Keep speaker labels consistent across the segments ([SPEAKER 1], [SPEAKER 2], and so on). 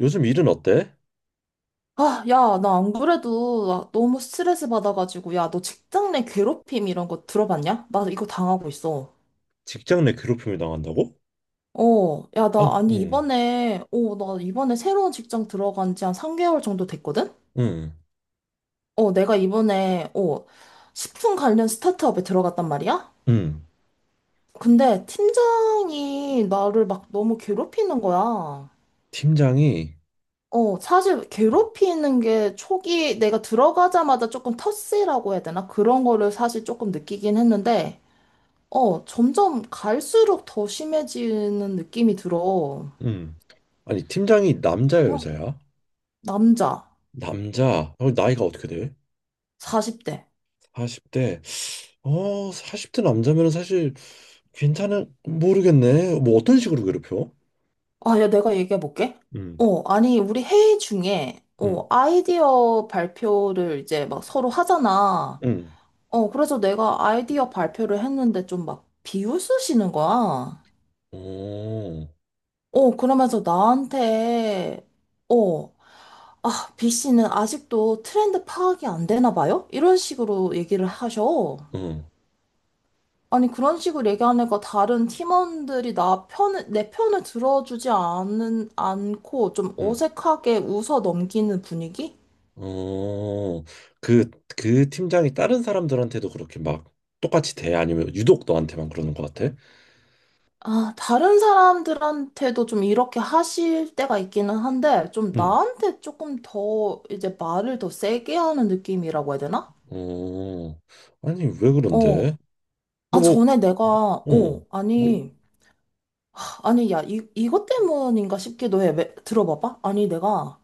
[SPEAKER 1] 요즘 일은 어때?
[SPEAKER 2] 아, 야, 나 안 그래도 나 너무 스트레스 받아가지고, 야, 너 직장 내 괴롭힘 이런 거 들어봤냐? 나 이거 당하고 있어.
[SPEAKER 1] 직장 내 괴롭힘을 당한다고?
[SPEAKER 2] 야,
[SPEAKER 1] 아니,
[SPEAKER 2] 나, 아니,
[SPEAKER 1] 응,
[SPEAKER 2] 이번에, 나 이번에 새로운 직장 들어간 지 한 3개월 정도 됐거든?
[SPEAKER 1] 응,
[SPEAKER 2] 내가 이번에, 식품 관련 스타트업에 들어갔단 말이야?
[SPEAKER 1] 응.
[SPEAKER 2] 근데 팀장이 나를 막 너무 괴롭히는 거야.
[SPEAKER 1] 팀장이,
[SPEAKER 2] 사실 괴롭히는 게 초기 내가 들어가자마자 조금 터스라고 해야 되나? 그런 거를 사실 조금 느끼긴 했는데, 점점 갈수록 더 심해지는 느낌이 들어.
[SPEAKER 1] 응. 아니, 팀장이 남자야,
[SPEAKER 2] 어,
[SPEAKER 1] 여자야?
[SPEAKER 2] 남자,
[SPEAKER 1] 남자. 나이가 어떻게 돼?
[SPEAKER 2] 40대.
[SPEAKER 1] 40대. 40대 남자면 사실 괜찮은, 모르겠네. 뭐 어떤 식으로 괴롭혀?
[SPEAKER 2] 아, 야, 내가 얘기해볼게.
[SPEAKER 1] 응,
[SPEAKER 2] 아니, 우리 회의 중에,
[SPEAKER 1] 응,
[SPEAKER 2] 아이디어 발표를 이제 막 서로 하잖아.
[SPEAKER 1] 응.
[SPEAKER 2] 그래서 내가 아이디어 발표를 했는데 좀 막 비웃으시는 거야.
[SPEAKER 1] 오,
[SPEAKER 2] 그러면서 나한테, 어, 아, B 씨는 아직도 트렌드 파악이 안 되나 봐요? 이런 식으로 얘기를 하셔.
[SPEAKER 1] 응,
[SPEAKER 2] 아니, 그런 식으로 얘기하니까 다른 팀원들이 나 편을, 내 편을 들어주지 않은 않고 좀
[SPEAKER 1] 응.
[SPEAKER 2] 어색하게 웃어 넘기는 분위기?
[SPEAKER 1] 어, 그, 그 팀장이 다른 사람들한테도 그렇게 막 똑같이 돼? 아니면 유독 너한테만 그러는 것 같아?
[SPEAKER 2] 아, 다른 사람들한테도 좀 이렇게 하실 때가 있기는 한데, 좀
[SPEAKER 1] 응.
[SPEAKER 2] 나한테 조금 더 이제 말을 더 세게 하는 느낌이라고 해야 되나?
[SPEAKER 1] 어, 아니, 왜
[SPEAKER 2] 어.
[SPEAKER 1] 그런데? 너
[SPEAKER 2] 아,
[SPEAKER 1] 뭐, 그,
[SPEAKER 2] 전에 내가,
[SPEAKER 1] 어, 뭐,
[SPEAKER 2] 아니, 아니, 야, 이것 때문인가 싶기도 해. 들어봐봐. 아니, 내가,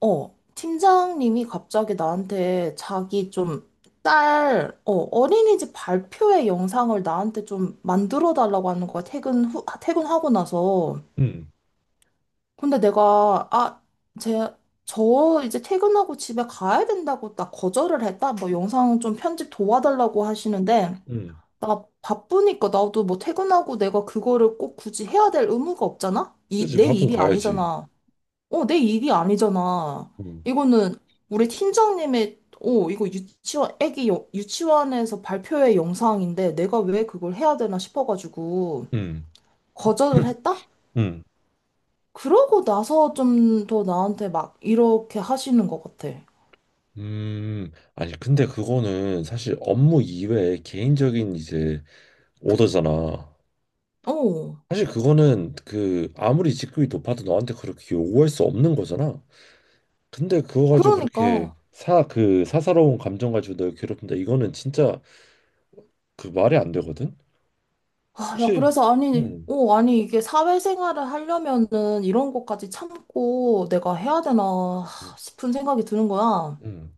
[SPEAKER 2] 팀장님이 갑자기 나한테 자기 좀 딸, 어린이집 발표회 영상을 나한테 좀 만들어 달라고 하는 거야. 퇴근 후, 퇴근하고 나서.
[SPEAKER 1] 응.
[SPEAKER 2] 근데 내가, 아, 제, 저 이제 퇴근하고 집에 가야 된다고 나 거절을 했다. 뭐 영상 좀 편집 도와달라고 하시는데,
[SPEAKER 1] 응.
[SPEAKER 2] 나 바쁘니까 나도 뭐 퇴근하고 내가 그거를 꼭 굳이 해야 될 의무가 없잖아?
[SPEAKER 1] 그치,
[SPEAKER 2] 내
[SPEAKER 1] 밥은
[SPEAKER 2] 일이
[SPEAKER 1] 가야지.
[SPEAKER 2] 아니잖아. 내 일이 아니잖아.
[SPEAKER 1] 응.
[SPEAKER 2] 이거는 우리 팀장님의, 이거 유치원, 애기 유치원에서 발표회 영상인데 내가 왜 그걸 해야 되나 싶어가지고
[SPEAKER 1] 응.
[SPEAKER 2] 거절을 했다?
[SPEAKER 1] 응.
[SPEAKER 2] 그러고 나서 좀 더 나한테 막 이렇게 하시는 것 같아.
[SPEAKER 1] 아니, 근데 그거는 사실 업무 이외에 개인적인 이제 오더잖아.
[SPEAKER 2] 어,
[SPEAKER 1] 사실 그거는 그 아무리 직급이 높아도 너한테 그렇게 요구할 수 없는 거잖아. 근데 그거 가지고 그렇게
[SPEAKER 2] 그러니까.
[SPEAKER 1] 그 사사로운 감정 가지고 널 괴롭힌다. 이거는 진짜 그 말이 안 되거든?
[SPEAKER 2] 아, 야,
[SPEAKER 1] 혹시,
[SPEAKER 2] 그래서 아니,
[SPEAKER 1] 응.
[SPEAKER 2] 아니, 이게 사회생활을 하려면은 이런 것까지 참고 내가 해야 되나
[SPEAKER 1] 응.
[SPEAKER 2] 싶은 생각이 드는 거야.
[SPEAKER 1] 응.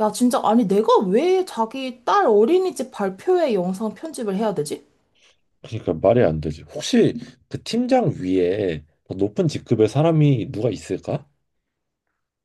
[SPEAKER 2] 야, 진짜, 아니, 내가 왜 자기 딸 어린이집 발표회 영상 편집을 해야 되지?
[SPEAKER 1] 그러니까 말이 안 되지. 혹시 그 팀장 위에 더 높은 직급의 사람이 누가 있을까?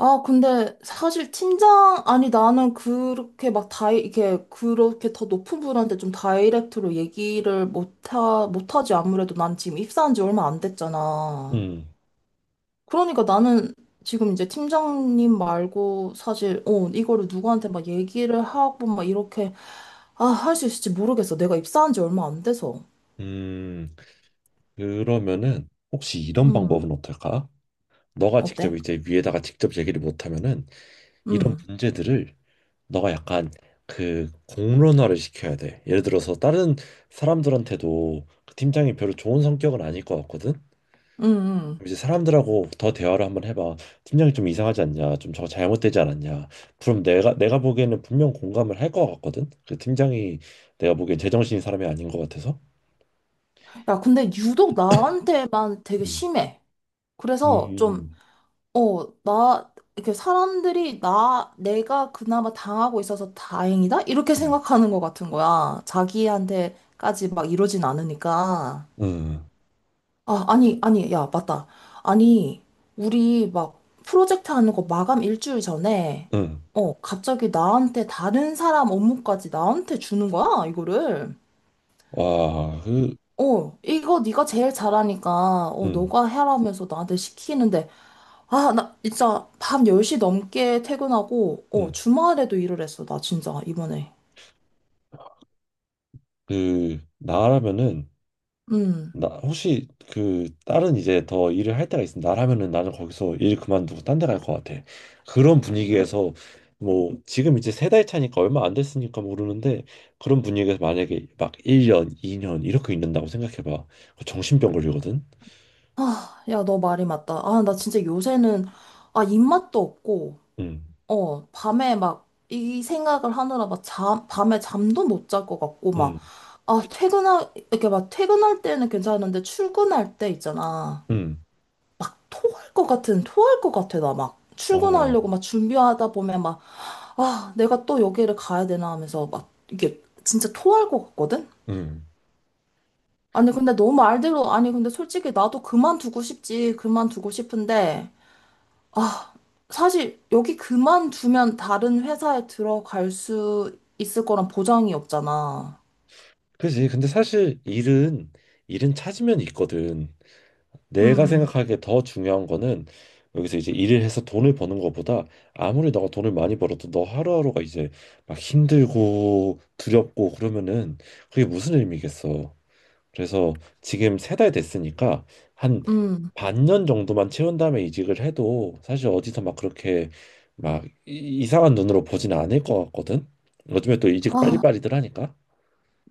[SPEAKER 2] 아, 근데 사실 팀장, 아니, 나는 그렇게 막 이렇게, 그렇게 더 높은 분한테 좀 다이렉트로 얘기를 못하지. 아무래도 난 지금 입사한 지 얼마 안 됐잖아.
[SPEAKER 1] 음.
[SPEAKER 2] 그러니까 나는 지금 이제 팀장님 말고 사실, 이거를 누구한테 막 얘기를 하고 막 이렇게, 아, 할 수 있을지 모르겠어. 내가 입사한 지 얼마 안 돼서.
[SPEAKER 1] 음, 그러면은 혹시 이런
[SPEAKER 2] 음,
[SPEAKER 1] 방법은 어떨까? 너가 직접
[SPEAKER 2] 어때?
[SPEAKER 1] 이제 위에다가 직접 얘기를 못하면은 이런
[SPEAKER 2] 음,
[SPEAKER 1] 문제들을 너가 약간 그 공론화를 시켜야 돼. 예를 들어서 다른 사람들한테도 그 팀장이 별로 좋은 성격은 아닐 것 같거든.
[SPEAKER 2] 음, 음.
[SPEAKER 1] 이제 사람들하고 더 대화를 한번 해봐. 팀장이 좀 이상하지 않냐? 좀 저거 잘못되지 않았냐? 그럼 내가 보기에는 분명 공감을 할 것 같거든. 그 팀장이 내가 보기엔 제정신인 사람이 아닌 것 같아서.
[SPEAKER 2] 야, 근데 유독 나한테만 되게
[SPEAKER 1] 음,
[SPEAKER 2] 심해. 그래서 좀,
[SPEAKER 1] 음,
[SPEAKER 2] 나, 이렇게 사람들이 나, 내가 그나마 당하고 있어서 다행이다? 이렇게
[SPEAKER 1] 음,
[SPEAKER 2] 생각하는 것 같은 거야. 자기한테까지 막 이러진 않으니까.
[SPEAKER 1] 응,
[SPEAKER 2] 아, 아니, 아니, 야, 맞다. 아니, 우리 막 프로젝트 하는 거 마감 일주일 전에,
[SPEAKER 1] 응.
[SPEAKER 2] 갑자기 나한테 다른 사람 업무까지 나한테 주는 거야, 이거를.
[SPEAKER 1] 와, 그,
[SPEAKER 2] 이거 네가 제일 잘하니까,
[SPEAKER 1] 응,
[SPEAKER 2] 너가 해라면서 나한테 시키는데, 아, 나 진짜 밤 10시 넘게 퇴근하고,
[SPEAKER 1] 응.
[SPEAKER 2] 주말에도 일을 했어, 나 진짜, 이번에.
[SPEAKER 1] 그 나라면은
[SPEAKER 2] 음.
[SPEAKER 1] 나 혹시 그 다른 이제 더 일을 할 때가 있으면 나라면은 나는 거기서 일 그만두고 딴데 갈 것 같아. 그런 분위기에서 뭐 지금 이제 세 달 차니까 얼마 안 됐으니까 모르는데 그런 분위기에서 만약에 막 1년, 2년 이렇게 있는다고 생각해 봐. 정신병 걸리거든.
[SPEAKER 2] 아, 야, 너 말이 맞다. 아, 나 진짜 요새는, 아, 입맛도 없고,
[SPEAKER 1] 응.
[SPEAKER 2] 밤에 막 이 생각을 하느라 막 잠, 밤에 잠도 못 잘 것 같고 막,
[SPEAKER 1] 응.
[SPEAKER 2] 아, 이렇게 막 퇴근할 때는 괜찮은데 출근할 때 있잖아.
[SPEAKER 1] 응.
[SPEAKER 2] 막 토할 것 같은, 토할 것 같아, 나 막.
[SPEAKER 1] 어.
[SPEAKER 2] 출근하려고 막 준비하다 보면 막, 아, 내가 또 여기를 가야 되나 하면서 막 이게 진짜 토할 것 같거든?
[SPEAKER 1] 응.
[SPEAKER 2] 아니, 근데 너 말대로, 아니, 근데 솔직히 나도 그만두고 싶지, 그만두고 싶은데. 아, 사실 여기 그만두면 다른 회사에 들어갈 수 있을 거란 보장이 없잖아.
[SPEAKER 1] 그지. 근데 사실 일은 찾으면 있거든. 내가
[SPEAKER 2] 음,
[SPEAKER 1] 생각하기에 더 중요한 거는 여기서 이제 일을 해서 돈을 버는 거보다 아무리 너가 돈을 많이 벌어도 너 하루하루가 이제 막 힘들고 두렵고 그러면은 그게 무슨 의미겠어. 그래서 지금 세 달 됐으니까 한
[SPEAKER 2] 음.
[SPEAKER 1] 반년 정도만 채운 다음에 이직을 해도 사실 어디서 막 그렇게 막 이상한 눈으로 보진 않을 것 같거든. 요즘에 또 이직
[SPEAKER 2] 아,
[SPEAKER 1] 빨리빨리들 하니까.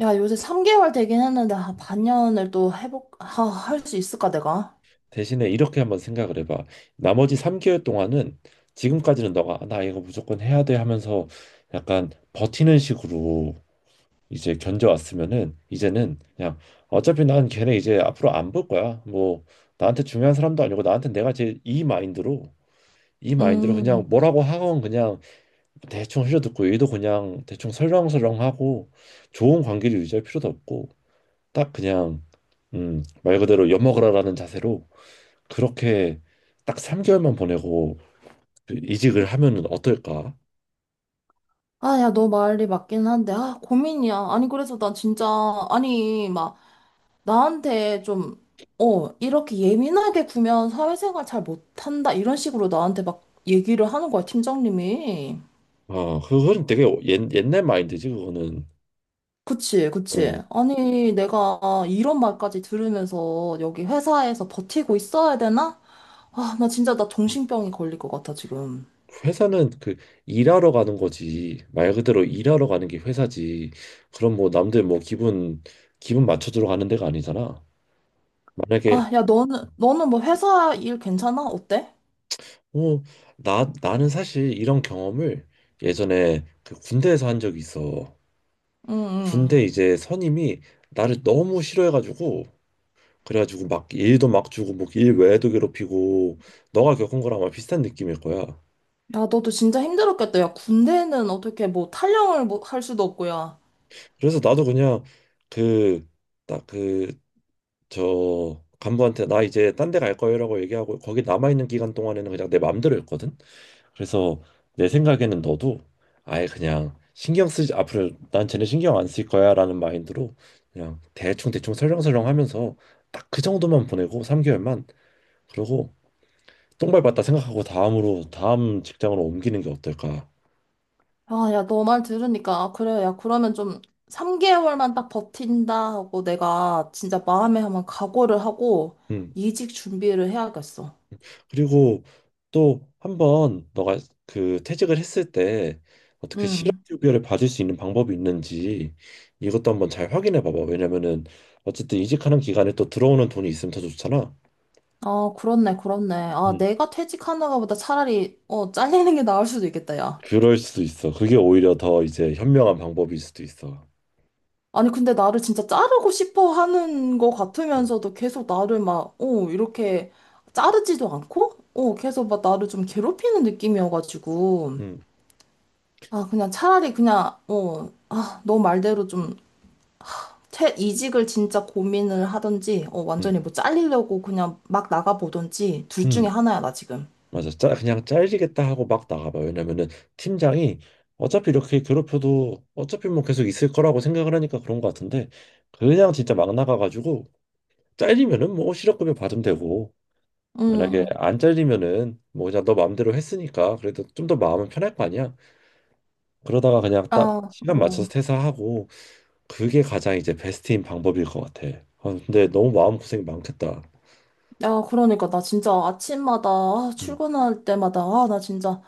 [SPEAKER 2] 야, 요새 3개월 되긴 했는데, 아, 아, 할 수 있을까, 내가?
[SPEAKER 1] 대신에 이렇게 한번 생각을 해봐. 나머지 3개월 동안은 지금까지는 너가 "아, 나 이거 무조건 해야 돼 하면서 약간 버티는 식으로 이제 견뎌왔으면은 이제는 그냥 어차피 난 걔네 이제 앞으로 안 볼 거야. 뭐 나한테 중요한 사람도 아니고 나한테 내가 제 이 마인드로 그냥
[SPEAKER 2] 음.
[SPEAKER 1] 뭐라고 하건 그냥 대충 흘려듣고 얘도 그냥 대충 설렁설렁하고 좋은 관계를 유지할 필요도 없고 딱 그냥 말 그대로 엿먹으라라는 자세로 그렇게 딱 3개월만 보내고 그 이직을 하면은 어떨까?
[SPEAKER 2] 아, 야, 너 말이 맞긴 한데, 아, 고민이야. 아니, 그래서 난 진짜, 아니, 막, 나한테 좀, 이렇게 예민하게 구면 사회생활 잘 못한다, 이런 식으로 나한테 막 얘기를 하는 거야, 팀장님이.
[SPEAKER 1] 아, 그거는 되게 옛날 마인드지 그거는.
[SPEAKER 2] 그치, 그치.
[SPEAKER 1] 응.
[SPEAKER 2] 아니, 내가 이런 말까지 들으면서 여기 회사에서 버티고 있어야 되나? 아, 나 진짜 나 정신병이 걸릴 것 같아, 지금.
[SPEAKER 1] 회사는 그 일하러 가는 거지. 말 그대로 일하러 가는 게 회사지. 그럼 뭐 남들 뭐 기분 맞춰주러 가는 데가 아니잖아. 만약에
[SPEAKER 2] 아, 야, 너는 뭐 회사 일 괜찮아? 어때?
[SPEAKER 1] 어, 나 나는 사실 이런 경험을 예전에 그 군대에서 한 적이 있어.
[SPEAKER 2] 응, 응.
[SPEAKER 1] 군대 이제 선임이 나를 너무 싫어해가지고 그래가지고 막 일도 막 주고 뭐 일 외에도 괴롭히고 너가 겪은 거랑 아마 비슷한 느낌일 거야.
[SPEAKER 2] 야, 너도 진짜 힘들었겠다. 야, 군대는 어떻게 뭐 탈영을 뭐 할 수도 없고, 야.
[SPEAKER 1] 그래서 나도 그냥 그 딱 그 저 간부한테 나 이제 딴데 갈 거예요라고 얘기하고 거기 남아 있는 기간 동안에는 그냥 내 맘대로 했거든. 그래서 내 생각에는 너도 아예 그냥 신경 쓰지 앞으로 난 쟤네 신경 안 쓸 거야라는 마인드로 그냥 대충 대충 설렁설렁 하면서 딱 그 정도만 보내고 3개월만 그러고 똥밟았다 생각하고 다음 직장으로 옮기는 게 어떨까?
[SPEAKER 2] 아, 야, 너 말 들으니까, 아, 그래. 야, 그러면 좀 3개월만 딱 버틴다 하고 내가 진짜 마음에 한번 각오를 하고
[SPEAKER 1] 음.
[SPEAKER 2] 이직 준비를 해야겠어.
[SPEAKER 1] 그리고 또 한 번 너가 그 퇴직을 했을 때 어떻게
[SPEAKER 2] 응.
[SPEAKER 1] 실업급여를 받을 수 있는 방법이 있는지 이것도 한번 잘 확인해 봐봐. 왜냐면은 어쨌든 이직하는 기간에 또 들어오는 돈이 있으면 더 좋잖아.
[SPEAKER 2] 아, 그렇네, 그렇네. 아,
[SPEAKER 1] 음.
[SPEAKER 2] 내가 퇴직하는가 보다 차라리, 잘리는 게 나을 수도 있겠다, 야.
[SPEAKER 1] 그럴 수도 있어. 그게 오히려 더 이제 현명한 방법일 수도 있어.
[SPEAKER 2] 아니, 근데 나를 진짜 자르고 싶어 하는 거
[SPEAKER 1] 음.
[SPEAKER 2] 같으면서도 계속 나를 막, 이렇게 자르지도 않고, 계속 막 나를 좀 괴롭히는 느낌이어가지고.
[SPEAKER 1] 음.
[SPEAKER 2] 아, 그냥 차라리 그냥, 아, 너 말대로 좀, 이직을 진짜 고민을 하든지, 완전히
[SPEAKER 1] 음.
[SPEAKER 2] 뭐 잘리려고 그냥 막 나가보든지, 둘 중에
[SPEAKER 1] 음.
[SPEAKER 2] 하나야, 나 지금.
[SPEAKER 1] 맞아. 그냥 잘리겠다 하고 막 나가봐. 왜냐면은 팀장이 어차피 이렇게 괴롭혀도 어차피 뭐 계속 있을 거라고 생각을 하니까 그런 것 같은데 그냥 진짜 막 나가가지고 잘리면은 뭐 실업급여 받으면 되고 만약에
[SPEAKER 2] 음,
[SPEAKER 1] 안 잘리면은 뭐 그냥 너 마음대로 했으니까 그래도 좀 더 마음은 편할 거 아니야. 그러다가 그냥
[SPEAKER 2] 아,
[SPEAKER 1] 딱 시간
[SPEAKER 2] 어.
[SPEAKER 1] 맞춰서 퇴사하고 그게 가장 이제 베스트인 방법일 것 같아. 아, 근데 너무 마음고생이 많겠다.
[SPEAKER 2] 야, 그러니까 나 진짜 아침마다 아,
[SPEAKER 1] 음.
[SPEAKER 2] 출근할 때마다 아, 나 진짜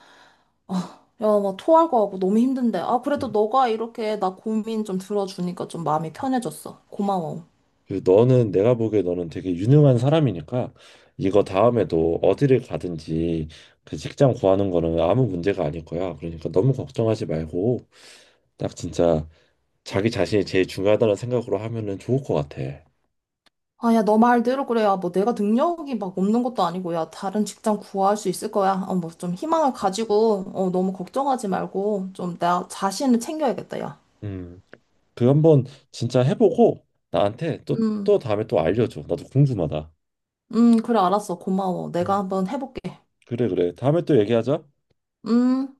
[SPEAKER 2] 아, 야, 막 토할 거 같고 너무 힘든데. 아, 그래도
[SPEAKER 1] 음.
[SPEAKER 2] 너가 이렇게 나 고민 좀 들어주니까 좀 마음이 편해졌어. 고마워.
[SPEAKER 1] 그 너는 내가 보기에 너는 되게 유능한 사람이니까 이거 다음에도 어디를 가든지 그 직장 구하는 거는 아무 문제가 아닐 거야. 그러니까 너무 걱정하지 말고 딱 진짜 자기 자신이 제일 중요하다는 생각으로 하면은 좋을 것 같아.
[SPEAKER 2] 아, 야, 너 말대로 그래. 야, 뭐 내가 능력이 막 없는 것도 아니고 야, 다른 직장 구할 수 있을 거야. 뭐 좀 희망을 가지고 너무 걱정하지 말고 좀 나 자신을 챙겨야겠다, 야.
[SPEAKER 1] 음, 그 한번 진짜 해보고 나한테 또
[SPEAKER 2] 음.
[SPEAKER 1] 또 다음에 또 알려줘. 나도 궁금하다.
[SPEAKER 2] 그래 알았어. 고마워. 내가
[SPEAKER 1] 음,
[SPEAKER 2] 한번 해볼게.
[SPEAKER 1] 그래 그래. 다음에 또 얘기하자.
[SPEAKER 2] 음.